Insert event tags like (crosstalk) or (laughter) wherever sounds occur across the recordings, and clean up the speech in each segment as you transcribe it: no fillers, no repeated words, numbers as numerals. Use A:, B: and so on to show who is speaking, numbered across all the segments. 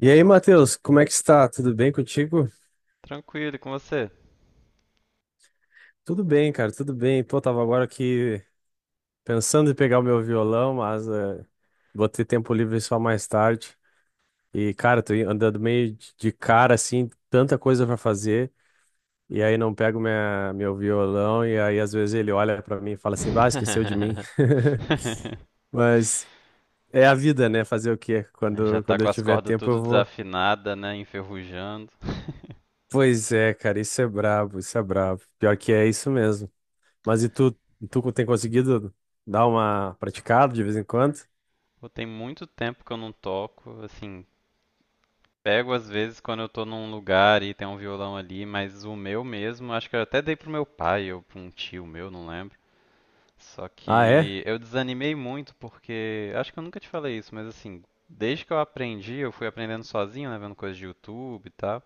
A: E aí, Matheus, como é que está? Tudo bem contigo?
B: Tranquilo, e com você?
A: Tudo bem, cara, tudo bem. Pô, tava agora aqui pensando em pegar o meu violão, mas vou ter tempo livre só mais tarde. E, cara, tô andando meio de cara, assim, tanta coisa pra fazer, e aí não pego minha, meu violão, e aí às vezes ele olha pra mim e fala assim, bah, esqueceu de mim. (laughs)
B: (laughs)
A: Mas é a vida, né? Fazer o quê?
B: Já
A: Quando,
B: tá
A: quando
B: com
A: eu
B: as
A: tiver
B: cordas
A: tempo, eu
B: tudo
A: vou.
B: desafinada, né? Enferrujando. (laughs)
A: Pois é, cara, isso é brabo, isso é brabo. Pior que é isso mesmo. Mas e tu, tu tem conseguido dar uma praticada de vez em quando?
B: Pô, tem muito tempo que eu não toco, assim, pego às vezes quando eu tô num lugar e tem um violão ali, mas o meu mesmo, acho que eu até dei pro meu pai ou pra um tio meu, não lembro. Só
A: Ah, é?
B: que eu desanimei muito porque, acho que eu nunca te falei isso, mas assim, desde que eu aprendi, eu fui aprendendo sozinho, né, vendo coisas de YouTube e tal.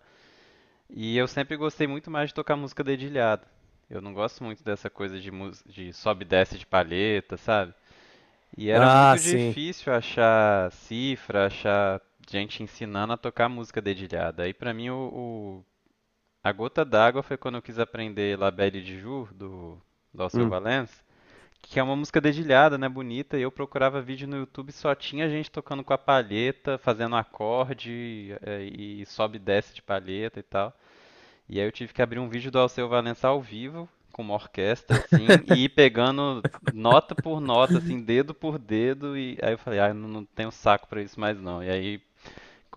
B: E eu sempre gostei muito mais de tocar música dedilhada. Eu não gosto muito dessa coisa de, de sobe e desce de palheta, sabe? E era
A: Ah,
B: muito
A: sim.
B: difícil achar cifra, achar gente ensinando a tocar música dedilhada. Aí pra mim a gota d'água foi quando eu quis aprender La Belle de Jour, do Alceu
A: Hum.
B: Valença, que é uma música dedilhada, né, bonita, e eu procurava vídeo no YouTube e só tinha gente tocando com a palheta, fazendo acorde, e sobe e desce de palheta e tal. E aí eu tive que abrir um vídeo do Alceu Valença ao vivo, com uma orquestra, assim, e ir pegando nota por nota, assim, dedo por dedo, e aí eu falei, ah, eu não, não tenho saco pra isso mais não. E aí,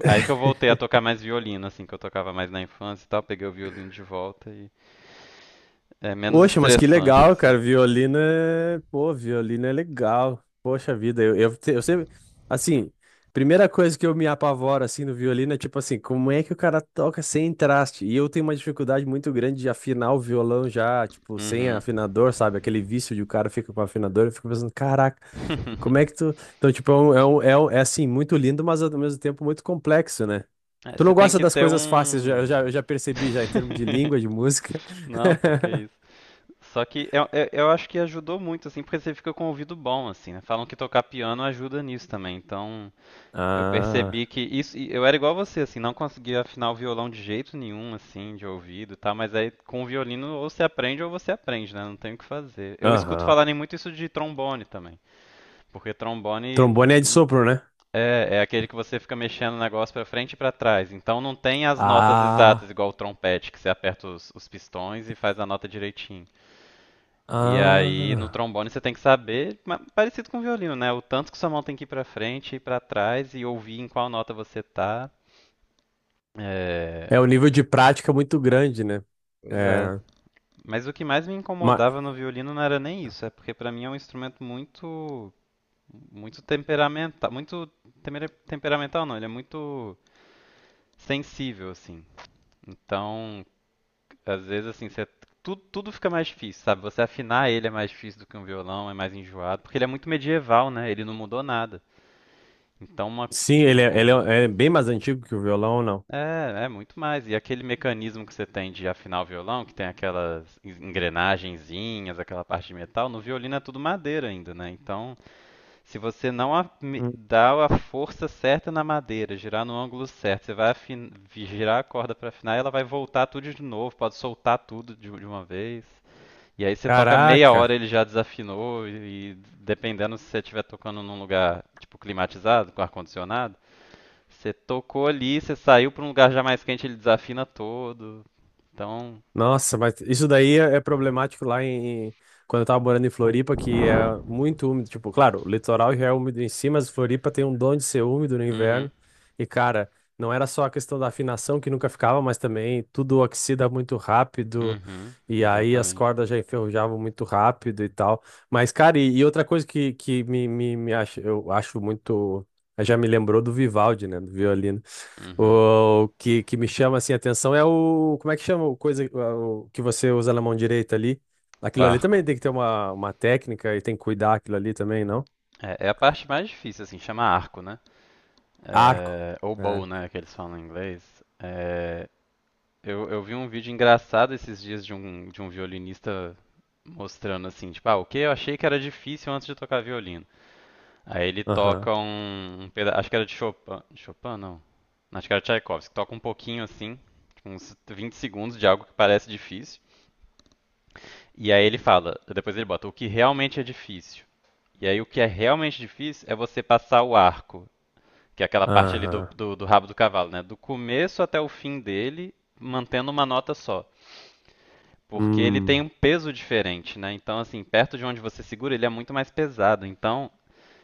B: aí que eu voltei a tocar mais violino, assim, que eu tocava mais na infância e tal, peguei o violino de volta e é menos
A: Poxa, mas que
B: estressante,
A: legal,
B: assim.
A: cara. Violino é. Pô, violino é legal. Poxa vida, eu sempre. Assim, primeira coisa que eu me apavoro assim no violino é tipo assim, como é que o cara toca sem traste? E eu tenho uma dificuldade muito grande de afinar o violão já, tipo, sem
B: Uhum.
A: afinador, sabe? Aquele vício de o cara fica com afinador, eu fico pensando, caraca. Como é que
B: (laughs)
A: tu. Então, tipo, assim, muito lindo, mas ao mesmo tempo muito complexo, né?
B: É,
A: Tu não
B: você tem
A: gosta
B: que
A: das
B: ter
A: coisas fáceis, já,
B: um.
A: eu já percebi já, em termos de
B: (laughs)
A: língua, de música.
B: Não, pô, que
A: (laughs)
B: isso. Só que eu acho que ajudou muito, assim, porque você fica com o ouvido bom, assim, né? Falam que tocar piano ajuda nisso também. Então, eu percebi
A: Ah,
B: que isso. E eu era igual você, assim, não conseguia afinar o violão de jeito nenhum, assim, de ouvido e tal. Mas aí com o violino ou você aprende, né? Não tem o que fazer. Eu escuto
A: aham.
B: falarem muito isso de trombone também. Porque trombone
A: Trombone é de
B: hum,
A: sopro, né?
B: é aquele que você fica mexendo o negócio pra frente e pra trás. Então não tem as notas exatas,
A: Ah,
B: igual o trompete, que você aperta os pistões e faz a nota direitinho. E aí no
A: ah.
B: trombone você tem que saber, parecido com o violino, né? O tanto que sua mão tem que ir pra frente e pra trás e ouvir em qual nota você tá. É,
A: É um nível de prática muito grande, né?
B: pois é.
A: É,
B: Mas o que mais me
A: ma-
B: incomodava no violino não era nem isso, é porque pra mim é um instrumento muito temperamental, muito temperamental não, ele é muito sensível assim. Então, às vezes assim, você tudo fica mais difícil, sabe? Você afinar ele é mais difícil do que um violão, é mais enjoado, porque ele é muito medieval, né? Ele não mudou nada. Então, uma,
A: sim, ele, ele
B: tipo,
A: é é bem mais antigo que o violão, não?
B: é, é muito mais. E aquele mecanismo que você tem de afinar o violão, que tem aquelas engrenagenzinhas, aquela parte de metal, no violino é tudo madeira ainda, né? Então, se você não
A: Hum.
B: dá a força certa na madeira, girar no ângulo certo, você vai girar a corda para afinar, e ela vai voltar tudo de novo, pode soltar tudo de uma vez. E aí você toca meia hora
A: Caraca!
B: ele já desafinou e dependendo se você estiver tocando num lugar tipo climatizado, com ar condicionado, você tocou ali, você saiu pra um lugar já mais quente, ele desafina todo. Então,
A: Nossa, mas isso daí é é problemático lá quando eu tava morando em Floripa, que é muito úmido. Tipo, claro, o litoral já é úmido em si, mas Floripa tem um dom de ser úmido no inverno.
B: uhum,
A: E, cara, não era só a questão da afinação que nunca ficava, mas também tudo oxida muito rápido.
B: uhum,
A: E aí as
B: exatamente.
A: cordas já enferrujavam muito rápido e tal. Mas, cara, e outra coisa que eu acho muito. Já me lembrou do Vivaldi, né? Do violino.
B: Uhum.
A: O que, que me chama assim a atenção é o. Como é que chama o coisa o que você usa na mão direita ali?
B: O
A: Aquilo ali
B: arco.
A: também tem que ter uma técnica e tem que cuidar aquilo ali também, não?
B: É, é a parte mais difícil, assim, chama arco, né?
A: Arco.
B: É, ou bow,
A: Arco.
B: né, que eles falam em inglês. É, eu vi um vídeo engraçado esses dias de um violinista mostrando assim, tipo, ah, o que eu achei que era difícil antes de tocar violino. Aí ele
A: Aham.
B: toca um acho que era de Chopin, Chopin não. Acho que era Tchaikovsky, toca um pouquinho assim, tipo, uns 20 segundos de algo que parece difícil. E aí ele fala, depois ele bota o que realmente é difícil. E aí o que é realmente difícil é você passar o arco, que é aquela parte ali
A: Aham.
B: do rabo do cavalo, né? Do começo até o fim dele, mantendo uma nota só. Porque ele tem
A: Hum.
B: um peso diferente, né? Então, assim, perto de onde você segura, ele é muito mais pesado. Então,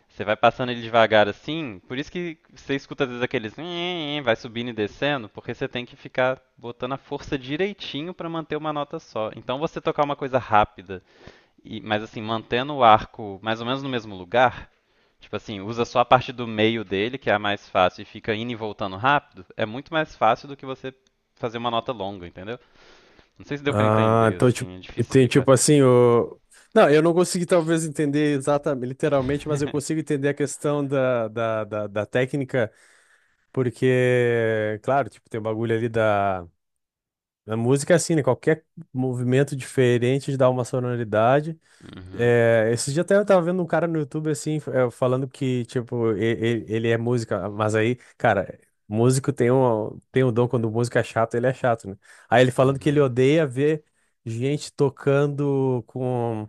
B: você vai passando ele devagar assim, por isso que você escuta às vezes aqueles "nhe-nhe-nhe", vai subindo e descendo, porque você tem que ficar botando a força direitinho para manter uma nota só. Então você tocar uma coisa rápida, mas assim, mantendo o arco mais ou menos no mesmo lugar, tipo assim, usa só a parte do meio dele, que é a mais fácil, e fica indo e voltando rápido, é muito mais fácil do que você fazer uma nota longa, entendeu? Não sei se deu para
A: Ah,
B: entender,
A: então, tipo,
B: assim, é difícil
A: tem
B: explicar.
A: tipo assim, o. Não, eu não consegui talvez entender exatamente, literalmente, mas eu consigo
B: (laughs)
A: entender a questão da técnica, porque, claro, tipo, tem o bagulho ali da A música é assim, né? Qualquer movimento diferente dá uma sonoridade.
B: Uhum,
A: É, esse dia até eu tava vendo um cara no YouTube, assim, falando que, tipo, ele é música, mas aí, cara, músico tem um dom, quando o músico é chato, ele é chato, né? Aí ele falando que ele
B: uhum.
A: odeia ver gente tocando com,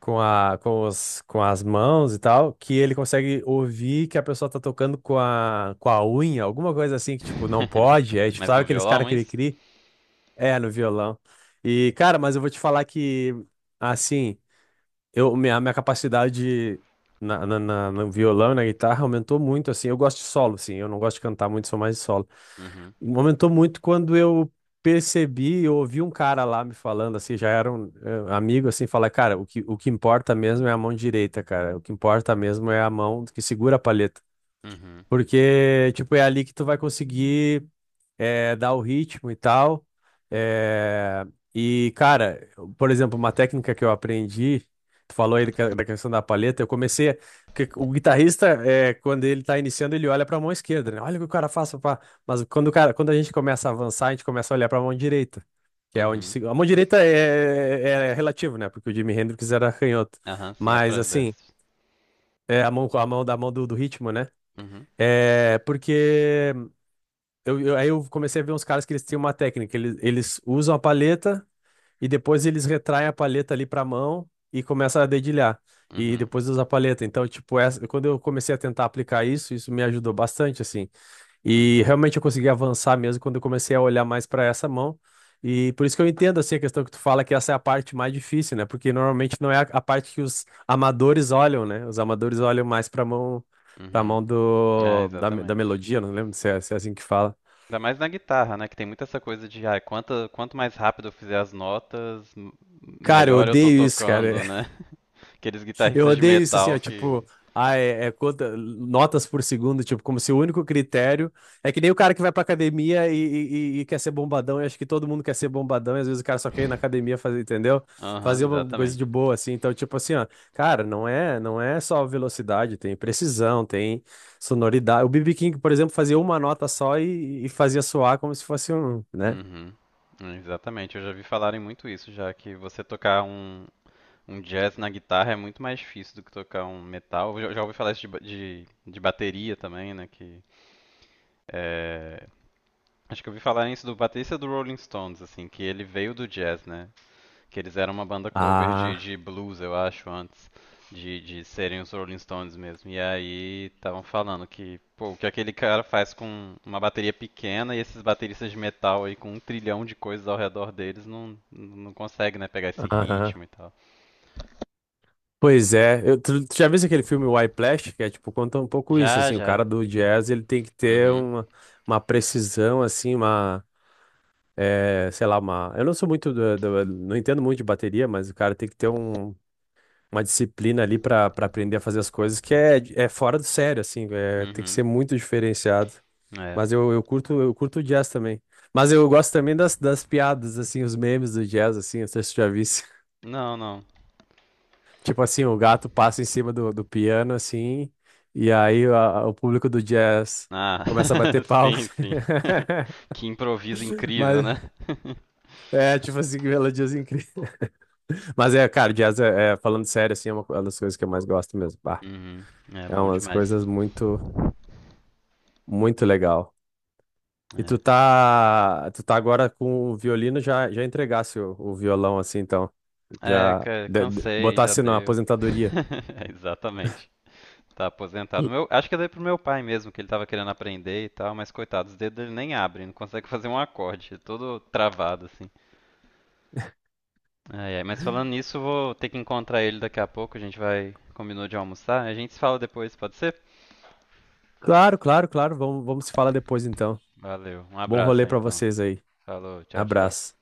A: com as mãos e tal, que ele consegue ouvir que a pessoa tá tocando com a unha, alguma coisa assim, que, tipo, não
B: (laughs)
A: pode. Aí, tipo,
B: Mas
A: sabe
B: no
A: aqueles caras
B: violão, é
A: que ele
B: isso?
A: cria? É, no violão. E, cara, mas eu vou te falar que, assim, minha capacidade no violão e na guitarra aumentou muito, assim. Eu gosto de solo, assim, eu não gosto de cantar muito, sou mais de solo.
B: Uhum,
A: Aumentou muito quando eu percebi, eu ouvi um cara lá me falando, assim, já era um amigo, assim, falar, cara, o que importa mesmo é a mão direita, cara. O que importa mesmo é a mão que segura a palheta.
B: uhum,
A: Porque, tipo, é ali que tu vai conseguir é, dar o ritmo e tal. É, e, cara, por exemplo, uma técnica que eu aprendi, tu falou aí da questão da palheta, que o guitarrista, é, quando ele tá iniciando, ele olha pra mão esquerda, né? Olha o que o cara faz, pá. Mas quando o cara, quando a gente começa a avançar, a gente começa a olhar pra mão direita, que é onde
B: uhum.
A: se- a mão direita é, é é relativo, né? Porque o Jimi Hendrix era canhoto.
B: Aham, sim, é
A: Mas,
B: pra
A: assim,
B: desks.
A: é a mão da mão do ritmo, né?
B: Uhum,
A: É porque aí eu comecei a ver uns caras que eles têm uma técnica. Eles usam a paleta e depois eles retraem a paleta ali pra mão e começam a dedilhar. E
B: uhum,
A: depois usa a paleta. Então, tipo, essa, quando eu comecei a tentar aplicar isso, isso me ajudou bastante, assim. E
B: uhum,
A: realmente eu consegui avançar mesmo quando eu comecei a olhar mais pra essa mão. E por isso que eu entendo, assim, a questão que tu fala que essa é a parte mais difícil, né? Porque normalmente não é a parte que os amadores olham, né? Os amadores olham mais pra
B: uhum.
A: mão
B: É,
A: da
B: exatamente.
A: melodia, não lembro se é assim que fala.
B: Ainda mais na guitarra, né? Que tem muito essa coisa de, ah, quanto mais rápido eu fizer as notas,
A: Cara, eu
B: melhor eu tô
A: odeio isso, cara.
B: tocando, né?
A: (laughs)
B: (laughs) Aqueles
A: Eu
B: guitarristas de
A: odeio isso, assim, ó,
B: metal que.
A: tipo, notas por segundo, tipo, como se o único critério. É que nem o cara que vai pra academia e quer ser bombadão, eu acho que todo mundo quer ser bombadão, e às vezes o cara só quer ir na academia
B: (laughs)
A: fazer, entendeu?
B: Aham,
A: Fazer uma coisa de
B: exatamente.
A: boa, assim. Então, tipo assim, ó, cara, não é só velocidade, tem precisão, tem sonoridade. O B.B. King, por exemplo, fazia uma nota só e fazia soar como se fosse um, né?
B: Uhum. Exatamente, eu já vi falarem muito isso, já que um jazz na guitarra é muito mais difícil do que tocar um metal. Já ouvi falar isso de bateria também, né? Que, é, acho que eu ouvi falar isso do baterista do Rolling Stones, assim, que ele veio do jazz, né? Que eles eram uma banda cover
A: Ah,
B: de blues, eu acho, antes de serem os Rolling Stones mesmo. E aí estavam falando que, pô, o que aquele cara faz com uma bateria pequena e esses bateristas de metal aí com um trilhão de coisas ao redor deles não, não consegue, né, pegar esse
A: aham.
B: ritmo e tal.
A: Pois é, tu já viu aquele filme Whiplash, que é tipo, conta um pouco isso,
B: Já,
A: assim, o
B: já.
A: cara do jazz, ele tem que ter
B: Uhum.
A: uma precisão, assim, uma, é, sei lá, uma, eu não sou muito, não entendo muito de bateria, mas o cara tem que ter um, uma disciplina ali pra aprender a fazer as coisas, que é, é fora do sério, assim, é, tem que ser
B: Uhum.
A: muito diferenciado,
B: É.
A: mas eu curto o jazz também, mas eu gosto também das, das piadas, assim, os memes do jazz, assim, não sei se tu já viu
B: Não, não.
A: Tipo assim, o gato passa em cima do, do piano, assim, o público do jazz
B: Ah,
A: começa a bater
B: (laughs) sim,
A: palmas.
B: sim.
A: (laughs)
B: Que improviso incrível,
A: Mas
B: né? (laughs)
A: é, tipo assim, que melodias incríveis. Mas é, cara, jazz, é, é, falando sério, assim, é uma das coisas que eu mais gosto mesmo. Bah,
B: Uhum.
A: é umas
B: Mas,
A: coisas muito, muito legal. E tu tá agora com o violino, já, já entregasse o violão, assim, então,
B: é. É,
A: já
B: cansei, já
A: botasse na
B: deu.
A: aposentadoria.
B: (laughs) É, exatamente. Tá aposentado. Meu, acho que eu dei pro meu pai mesmo, que ele tava querendo aprender e tal, mas coitado, os dedos dele nem abrem, não consegue fazer um acorde, é todo travado assim. Ai, ai, mas falando nisso, eu vou ter que encontrar ele daqui a pouco, a gente vai, combinou de almoçar, a gente se fala depois, pode ser?
A: Claro, claro, claro, vamos, vamos se falar depois, então.
B: Valeu, um
A: Bom
B: abraço
A: rolê pra
B: então.
A: vocês aí.
B: Falou, tchau, tchau.
A: Abraço.